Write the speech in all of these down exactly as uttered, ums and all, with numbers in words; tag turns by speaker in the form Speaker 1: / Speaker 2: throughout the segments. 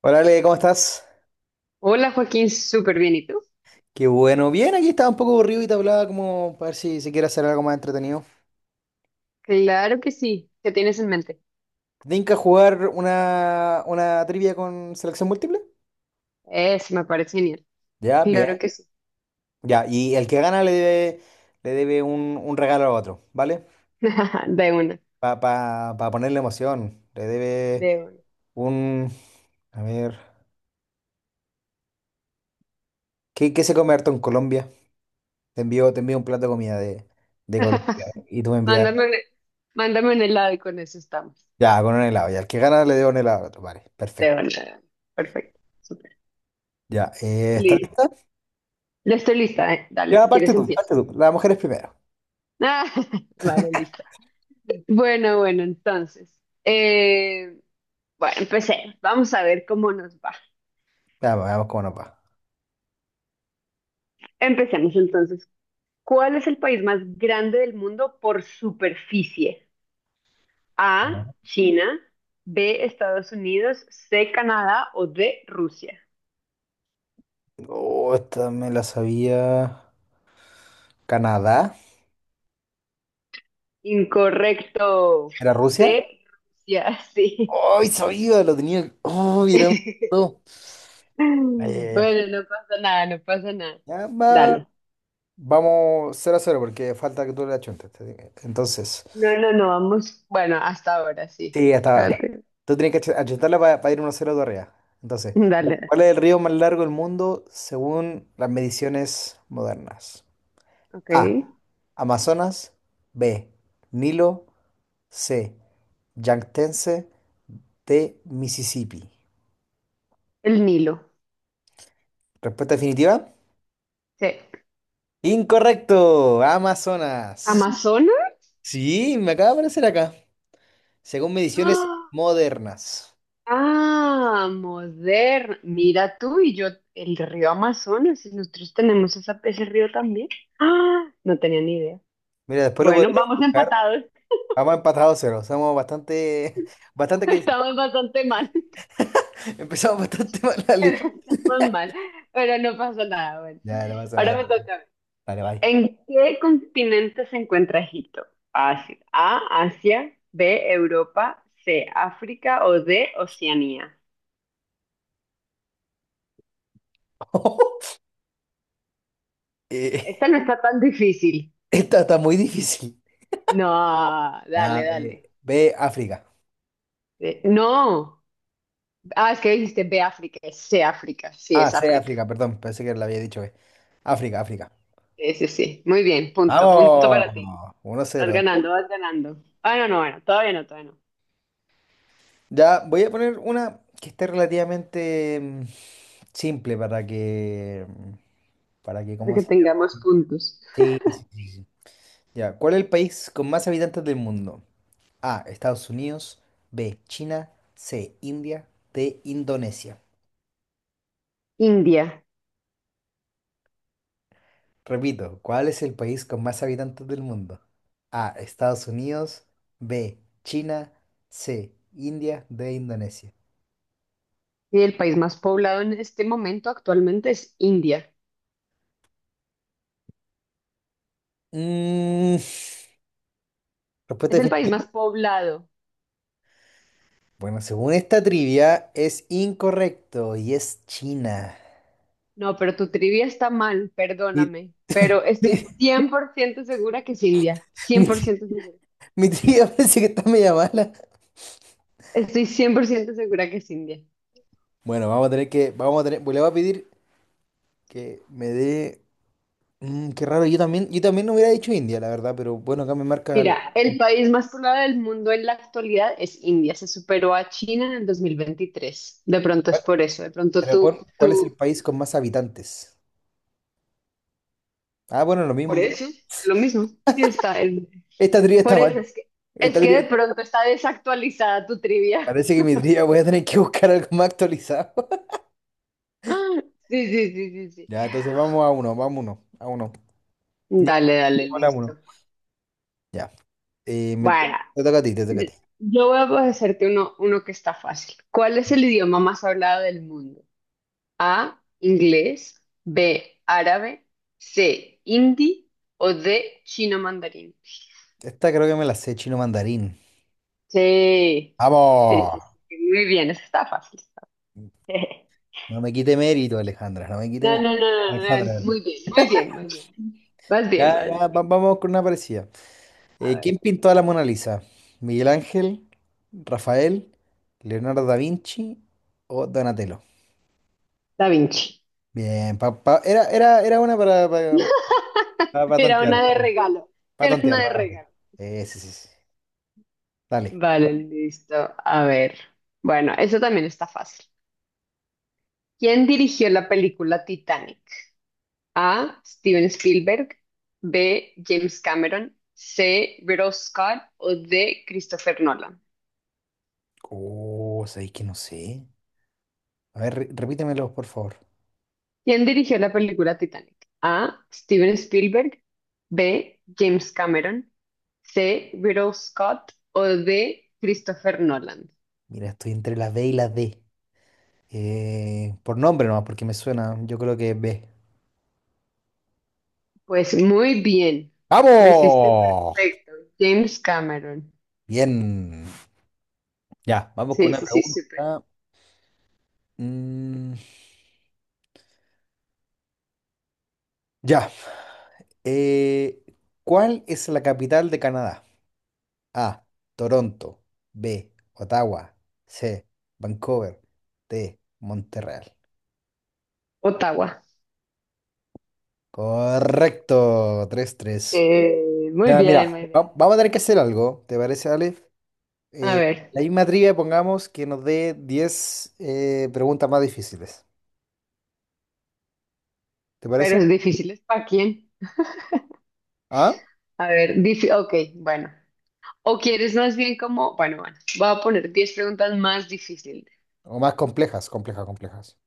Speaker 1: Hola Ale, ¿cómo estás?
Speaker 2: Hola Joaquín, súper bien. ¿Y tú?
Speaker 1: Qué bueno. Bien, aquí estaba un poco aburrido y te hablaba como para ver si, se quiere hacer algo más entretenido.
Speaker 2: Claro que sí. ¿Qué tienes en mente?
Speaker 1: ¿Te tinca jugar una, una trivia con selección múltiple?
Speaker 2: Eso me parece genial.
Speaker 1: Ya,
Speaker 2: Claro que
Speaker 1: bien.
Speaker 2: sí.
Speaker 1: Ya, y el que gana le debe, le debe un, un regalo a otro, ¿vale?
Speaker 2: De una,
Speaker 1: Para pa, pa pa ponerle emoción. Le debe
Speaker 2: de una.
Speaker 1: un... A ver... ¿Qué, qué se come harto en Colombia? Te envío, te envío un plato de comida de, de Colombia y tú me envías...
Speaker 2: Mándame un, mándame un helado y con eso estamos.
Speaker 1: Ya, con un helado. Ya, el que gana le debo un helado al otro, vale.
Speaker 2: De
Speaker 1: Perfecto.
Speaker 2: una, de una. Perfecto, súper.
Speaker 1: Ya, eh, está.
Speaker 2: Listo. Ya estoy lista, ¿eh? Dale,
Speaker 1: Ya,
Speaker 2: si
Speaker 1: parte
Speaker 2: quieres
Speaker 1: tú,
Speaker 2: empiezo.
Speaker 1: parte tú. Las mujeres primero.
Speaker 2: Vale, listo. Bueno, bueno, entonces. eh, bueno, empecé. Vamos a ver cómo nos va.
Speaker 1: Veamos, veamos cómo nos va.
Speaker 2: Empecemos entonces. ¿Cuál es el país más grande del mundo por superficie? A, China; B, Estados Unidos; C, Canadá; o D, Rusia.
Speaker 1: Oh, esta me la sabía. Canadá.
Speaker 2: Incorrecto.
Speaker 1: ¿Era Rusia?
Speaker 2: D, Rusia, sí.
Speaker 1: ¡Ay, sabía! Lo tenía. ¡Oh, era un... no! Ya, ya, ya.
Speaker 2: Bueno, no pasa nada, no pasa nada.
Speaker 1: Ya, va.
Speaker 2: Dale.
Speaker 1: Vamos cero a cero porque falta que tú le achuntes. Entonces,
Speaker 2: No, no, no, vamos. Bueno, hasta ahora sí.
Speaker 1: sí, hasta ahora está.
Speaker 2: Espérate.
Speaker 1: Tú tienes que ach- achuntarla para ir uno a cero de arriba. Entonces,
Speaker 2: Dale.
Speaker 1: ¿cuál es el río más largo del mundo según las mediciones modernas?
Speaker 2: Ok.
Speaker 1: A. Amazonas. B. Nilo. C. Yangtze de Mississippi.
Speaker 2: El Nilo.
Speaker 1: Respuesta definitiva.
Speaker 2: Sí.
Speaker 1: Incorrecto. Amazonas.
Speaker 2: Amazonas.
Speaker 1: Sí, me acaba de aparecer acá. Según mediciones
Speaker 2: ¡Ah!
Speaker 1: modernas.
Speaker 2: Ah, moderno. Mira, tú y yo, el río Amazonas, y nosotros tenemos esa- ese río también. Ah, no tenía ni idea.
Speaker 1: Mira, después lo
Speaker 2: Bueno,
Speaker 1: podría
Speaker 2: vamos
Speaker 1: buscar.
Speaker 2: empatados.
Speaker 1: Vamos empatados cero. Somos bastante, bastante que
Speaker 2: Estamos bastante mal.
Speaker 1: empezamos bastante mal la li-
Speaker 2: Estamos mal, pero no pasa nada. Bueno,
Speaker 1: Ya, no pasa nada.
Speaker 2: ahora me toca a mí.
Speaker 1: Dale, bye.
Speaker 2: ¿En qué continente se encuentra Egipto? Fácil. A, Asia; B, Europa; C, África; o D, Oceanía.
Speaker 1: Eh,
Speaker 2: Esta no está tan difícil.
Speaker 1: esta está muy difícil.
Speaker 2: No, dale,
Speaker 1: Nada,
Speaker 2: dale.
Speaker 1: eh, B, África.
Speaker 2: Eh, No. Ah, es que dijiste ve África, es C África, sí,
Speaker 1: Ah,
Speaker 2: es
Speaker 1: C,
Speaker 2: África.
Speaker 1: África, perdón. Pensé que la había dicho B. África, África.
Speaker 2: Sí, sí, sí. Muy bien, punto, punto
Speaker 1: Vamos,
Speaker 2: para ti.
Speaker 1: 1
Speaker 2: Vas
Speaker 1: cero.
Speaker 2: ganando, vas ganando. Ah, no, no, bueno, todavía no, todavía no.
Speaker 1: Ya voy a poner una que esté relativamente mm, simple para que, mm, para que,
Speaker 2: Para
Speaker 1: ¿cómo
Speaker 2: que
Speaker 1: se llama?
Speaker 2: tengamos puntos.
Speaker 1: Sí, sí, sí, sí, sí. Ya, ¿cuál es el país con más habitantes del mundo? A, Estados Unidos, B, China, C, India, D, Indonesia.
Speaker 2: India.
Speaker 1: Repito, ¿cuál es el país con más habitantes del mundo? A, Estados Unidos, B, China, C, India, D, Indonesia.
Speaker 2: Y el país más poblado en este momento actualmente es India.
Speaker 1: Mm,
Speaker 2: Es el
Speaker 1: respuesta.
Speaker 2: país más poblado.
Speaker 1: Bueno, según esta trivia, es incorrecto y es China.
Speaker 2: No, pero tu trivia está mal,
Speaker 1: Mi,
Speaker 2: perdóname. Pero
Speaker 1: mi,
Speaker 2: estoy cien por ciento segura que es India.
Speaker 1: mi
Speaker 2: Cien por ciento segura.
Speaker 1: trivia parece que está media mala.
Speaker 2: Estoy cien por ciento segura que es India.
Speaker 1: Bueno, vamos a tener que, vamos a tener, pues le voy a pedir que me dé, mm, qué raro, yo también, yo también no hubiera dicho India, la verdad, pero bueno, acá me marcan,
Speaker 2: Mira, el país más poblado del mundo en la actualidad es India. Se superó a China en el dos mil veintitrés. De pronto es
Speaker 1: ¿cuál,
Speaker 2: por eso. De pronto
Speaker 1: pero pon,
Speaker 2: tú,
Speaker 1: ¿cuál es el
Speaker 2: tú,
Speaker 1: país con más habitantes? Ah, bueno, lo
Speaker 2: por
Speaker 1: mismo, bro.
Speaker 2: eso, es lo mismo. Sí está. El-
Speaker 1: Esta trivia está
Speaker 2: por eso
Speaker 1: mal,
Speaker 2: es que, es
Speaker 1: esta
Speaker 2: que de
Speaker 1: trivia,
Speaker 2: pronto está desactualizada tu trivia.
Speaker 1: parece que mi trivia voy a tener que buscar algo más actualizado.
Speaker 2: Sí, sí, sí, sí, sí.
Speaker 1: Ya, entonces vamos a uno, vamos a uno, a uno. Ya,
Speaker 2: Dale, dale,
Speaker 1: vamos a uno.
Speaker 2: listo.
Speaker 1: Ya. Eh, me-
Speaker 2: Bueno,
Speaker 1: Te toca a ti, te toca a ti.
Speaker 2: yo voy a hacerte uno, uno que está fácil. ¿Cuál es el idioma más hablado del mundo? A, inglés; B, árabe; C, hindi; o D, chino mandarín.
Speaker 1: Esta creo que me la sé chino mandarín.
Speaker 2: Sí, sí,
Speaker 1: ¡Vamos!
Speaker 2: sí, sí, muy bien, eso está fácil.
Speaker 1: No me quite mérito, Alejandra, no me quite
Speaker 2: No,
Speaker 1: mérito.
Speaker 2: no, no, no, no,
Speaker 1: Alejandra,
Speaker 2: muy bien, muy bien, muy bien. Vas bien,
Speaker 1: ya,
Speaker 2: vas bien.
Speaker 1: ya, va- vamos con una parecida.
Speaker 2: A
Speaker 1: Eh,
Speaker 2: ver,
Speaker 1: ¿quién pintó a la Mona Lisa? ¿Miguel Ángel, Rafael, Leonardo da Vinci o Donatello?
Speaker 2: Da Vinci.
Speaker 1: Bien, pa- pa- era, era, era una para, para, para- para
Speaker 2: Era una
Speaker 1: tantear,
Speaker 2: de
Speaker 1: para,
Speaker 2: regalo,
Speaker 1: para
Speaker 2: era una
Speaker 1: tantear,
Speaker 2: de
Speaker 1: para tantear.
Speaker 2: regalo.
Speaker 1: Eh, sí, sí, sí. Dale.
Speaker 2: Vale, listo. A ver. Bueno, eso también está fácil. ¿Quién dirigió la película Titanic? A, Steven Spielberg; B, James Cameron; C, Ridley Scott; o D, Christopher Nolan.
Speaker 1: Oh, sabéis que no sé. A ver, re- repítemelo, por favor.
Speaker 2: ¿Quién dirigió la película Titanic? A, Steven Spielberg; B, James Cameron; C, Ridley Scott; o D, Christopher Nolan.
Speaker 1: Mira, estoy entre la B y la D. Eh, por nombre nomás, porque me suena. Yo creo que es B.
Speaker 2: Pues muy bien. Lo hiciste
Speaker 1: ¡Vamos!
Speaker 2: perfecto. James Cameron.
Speaker 1: Bien. Ya, vamos con
Speaker 2: Sí,
Speaker 1: una
Speaker 2: sí, sí, súper.
Speaker 1: pregunta. Mm, ya. Eh, ¿cuál es la capital de Canadá? A. Toronto. B. Ottawa. C. Vancouver. D. Montreal.
Speaker 2: Ottawa.
Speaker 1: Correcto. Tres tres.
Speaker 2: Eh, muy
Speaker 1: Ya,
Speaker 2: bien,
Speaker 1: mira,
Speaker 2: muy bien.
Speaker 1: va- vamos a tener que hacer algo. ¿Te parece, Ale?
Speaker 2: A
Speaker 1: Eh,
Speaker 2: ver,
Speaker 1: la misma trivia, pongamos que nos dé diez eh, preguntas más difíciles. ¿Te
Speaker 2: pero
Speaker 1: parece?
Speaker 2: es difícil, ¿es para quién?
Speaker 1: ¿Ah?
Speaker 2: A ver, dice, ok, bueno. O quieres más bien como, bueno, bueno, voy a poner diez preguntas más difíciles.
Speaker 1: O más complejas, complejas, complejas.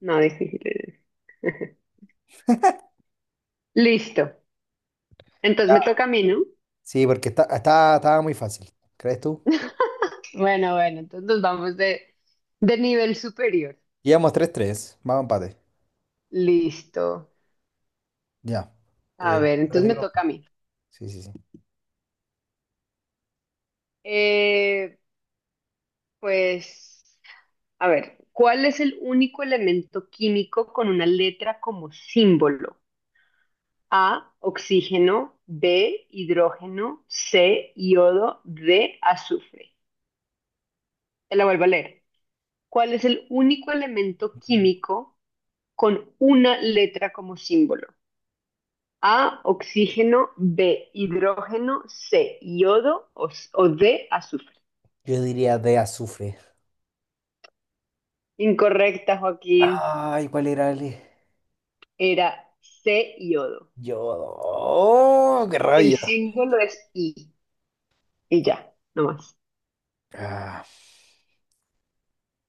Speaker 2: No difíciles. Listo. Entonces me toca a mí, ¿no?
Speaker 1: Sí, porque está, está- estaba muy fácil, ¿crees tú?
Speaker 2: Bueno, bueno, entonces nos vamos de, de nivel superior.
Speaker 1: Llevamos tres tres, vamos a empate.
Speaker 2: Listo.
Speaker 1: Ya.
Speaker 2: A
Speaker 1: Eh,
Speaker 2: ver,
Speaker 1: espérate,
Speaker 2: entonces me
Speaker 1: pero
Speaker 2: toca a mí.
Speaker 1: sí, sí, sí.
Speaker 2: Eh, pues, a ver, ¿cuál es el único elemento químico con una letra como símbolo? A, oxígeno; B, hidrógeno; C, iodo; D, azufre. Te la vuelvo a leer. ¿Cuál es el único elemento químico con una letra como símbolo? A, oxígeno; B, hidrógeno; C, iodo; o, o D, azufre.
Speaker 1: Yo diría de azufre.
Speaker 2: Incorrecta, Joaquín.
Speaker 1: Ay, ¿cuál era el...?
Speaker 2: Era C, iodo.
Speaker 1: Yodo. ¡Oh, qué
Speaker 2: El
Speaker 1: rabia!
Speaker 2: símbolo es I. Y ya, no más.
Speaker 1: Ah,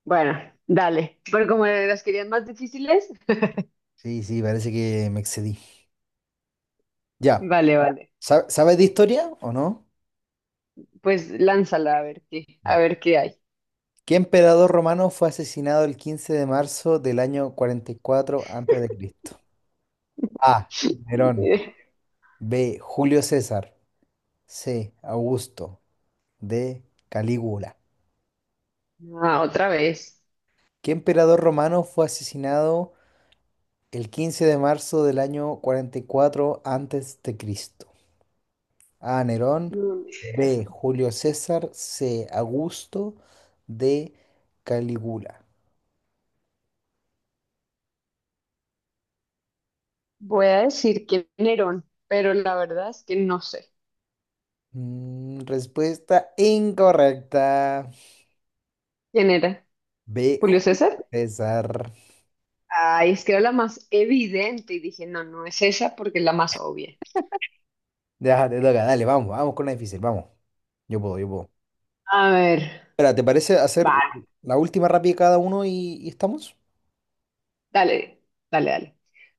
Speaker 2: Bueno, dale. Pero como las querían más difíciles,
Speaker 1: sí, sí, parece que me excedí. Ya.
Speaker 2: vale, vale.
Speaker 1: ¿Sab- ¿Sabes de historia o no?
Speaker 2: Pues lánzala a ver qué, a ver qué hay.
Speaker 1: ¿Qué emperador romano fue asesinado el quince de marzo del año cuarenta y cuatro antes de Cristo? A. Nerón. B. Julio César. C. Augusto. D. Calígula.
Speaker 2: Ah, otra vez.
Speaker 1: ¿Qué emperador romano fue asesinado el quince de marzo del año cuarenta y cuatro antes de Cristo? A. Nerón.
Speaker 2: Mm,
Speaker 1: B. Julio César. C. Augusto. D. Calígula.
Speaker 2: Voy a decir que Nerón, pero la verdad es que no sé.
Speaker 1: Mm, respuesta incorrecta.
Speaker 2: ¿Quién era?
Speaker 1: B.
Speaker 2: ¿Julio César?
Speaker 1: César.
Speaker 2: Ay, es que era la más evidente y dije, no, no es esa porque es la más obvia.
Speaker 1: Ya, te toca, dale, vamos, vamos con la difícil, vamos. Yo puedo, yo puedo.
Speaker 2: A ver,
Speaker 1: Espera, ¿te parece hacer
Speaker 2: vale.
Speaker 1: la última rápida cada uno y, y estamos?
Speaker 2: Dale, dale, dale.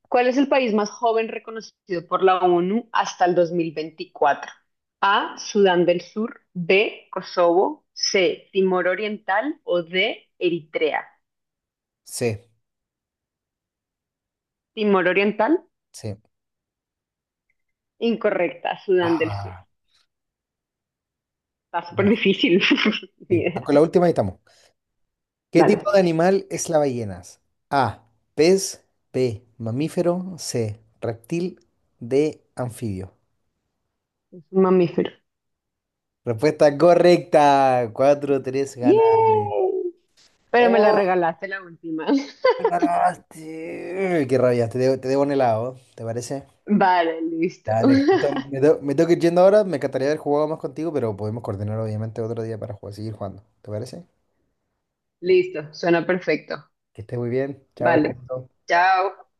Speaker 2: ¿Cuál es el país más joven reconocido por la O N U hasta el dos mil veinticuatro? A, Sudán del Sur; B, Kosovo; C, Timor Oriental; o D, Eritrea.
Speaker 1: Sí,
Speaker 2: Timor Oriental,
Speaker 1: sí.
Speaker 2: incorrecta, Sudán del Sur.
Speaker 1: Ah,
Speaker 2: Está
Speaker 1: ya,
Speaker 2: súper difícil. Ni
Speaker 1: sí.
Speaker 2: idea.
Speaker 1: Con la última y estamos. ¿Qué
Speaker 2: Dale,
Speaker 1: tipo de animal es la ballena? A, pez, B, mamífero, C, reptil, D, anfibio.
Speaker 2: es un mamífero.
Speaker 1: Respuesta correcta. Cuatro tres, ganale.
Speaker 2: ¡Yay! Pero me la
Speaker 1: ¡Oh,
Speaker 2: regalaste la última.
Speaker 1: ganaste! ¡Qué rabia! Te debo, te debo un helado, ¿te parece?
Speaker 2: Vale, listo.
Speaker 1: Dale, justo me, tengo me tengo que ir yendo ahora. Me encantaría haber jugado más contigo, pero podemos coordinar obviamente otro día para jugar, seguir jugando. ¿Te parece?
Speaker 2: Listo, suena perfecto.
Speaker 1: Que estés muy bien. Chao.
Speaker 2: Vale. Chao.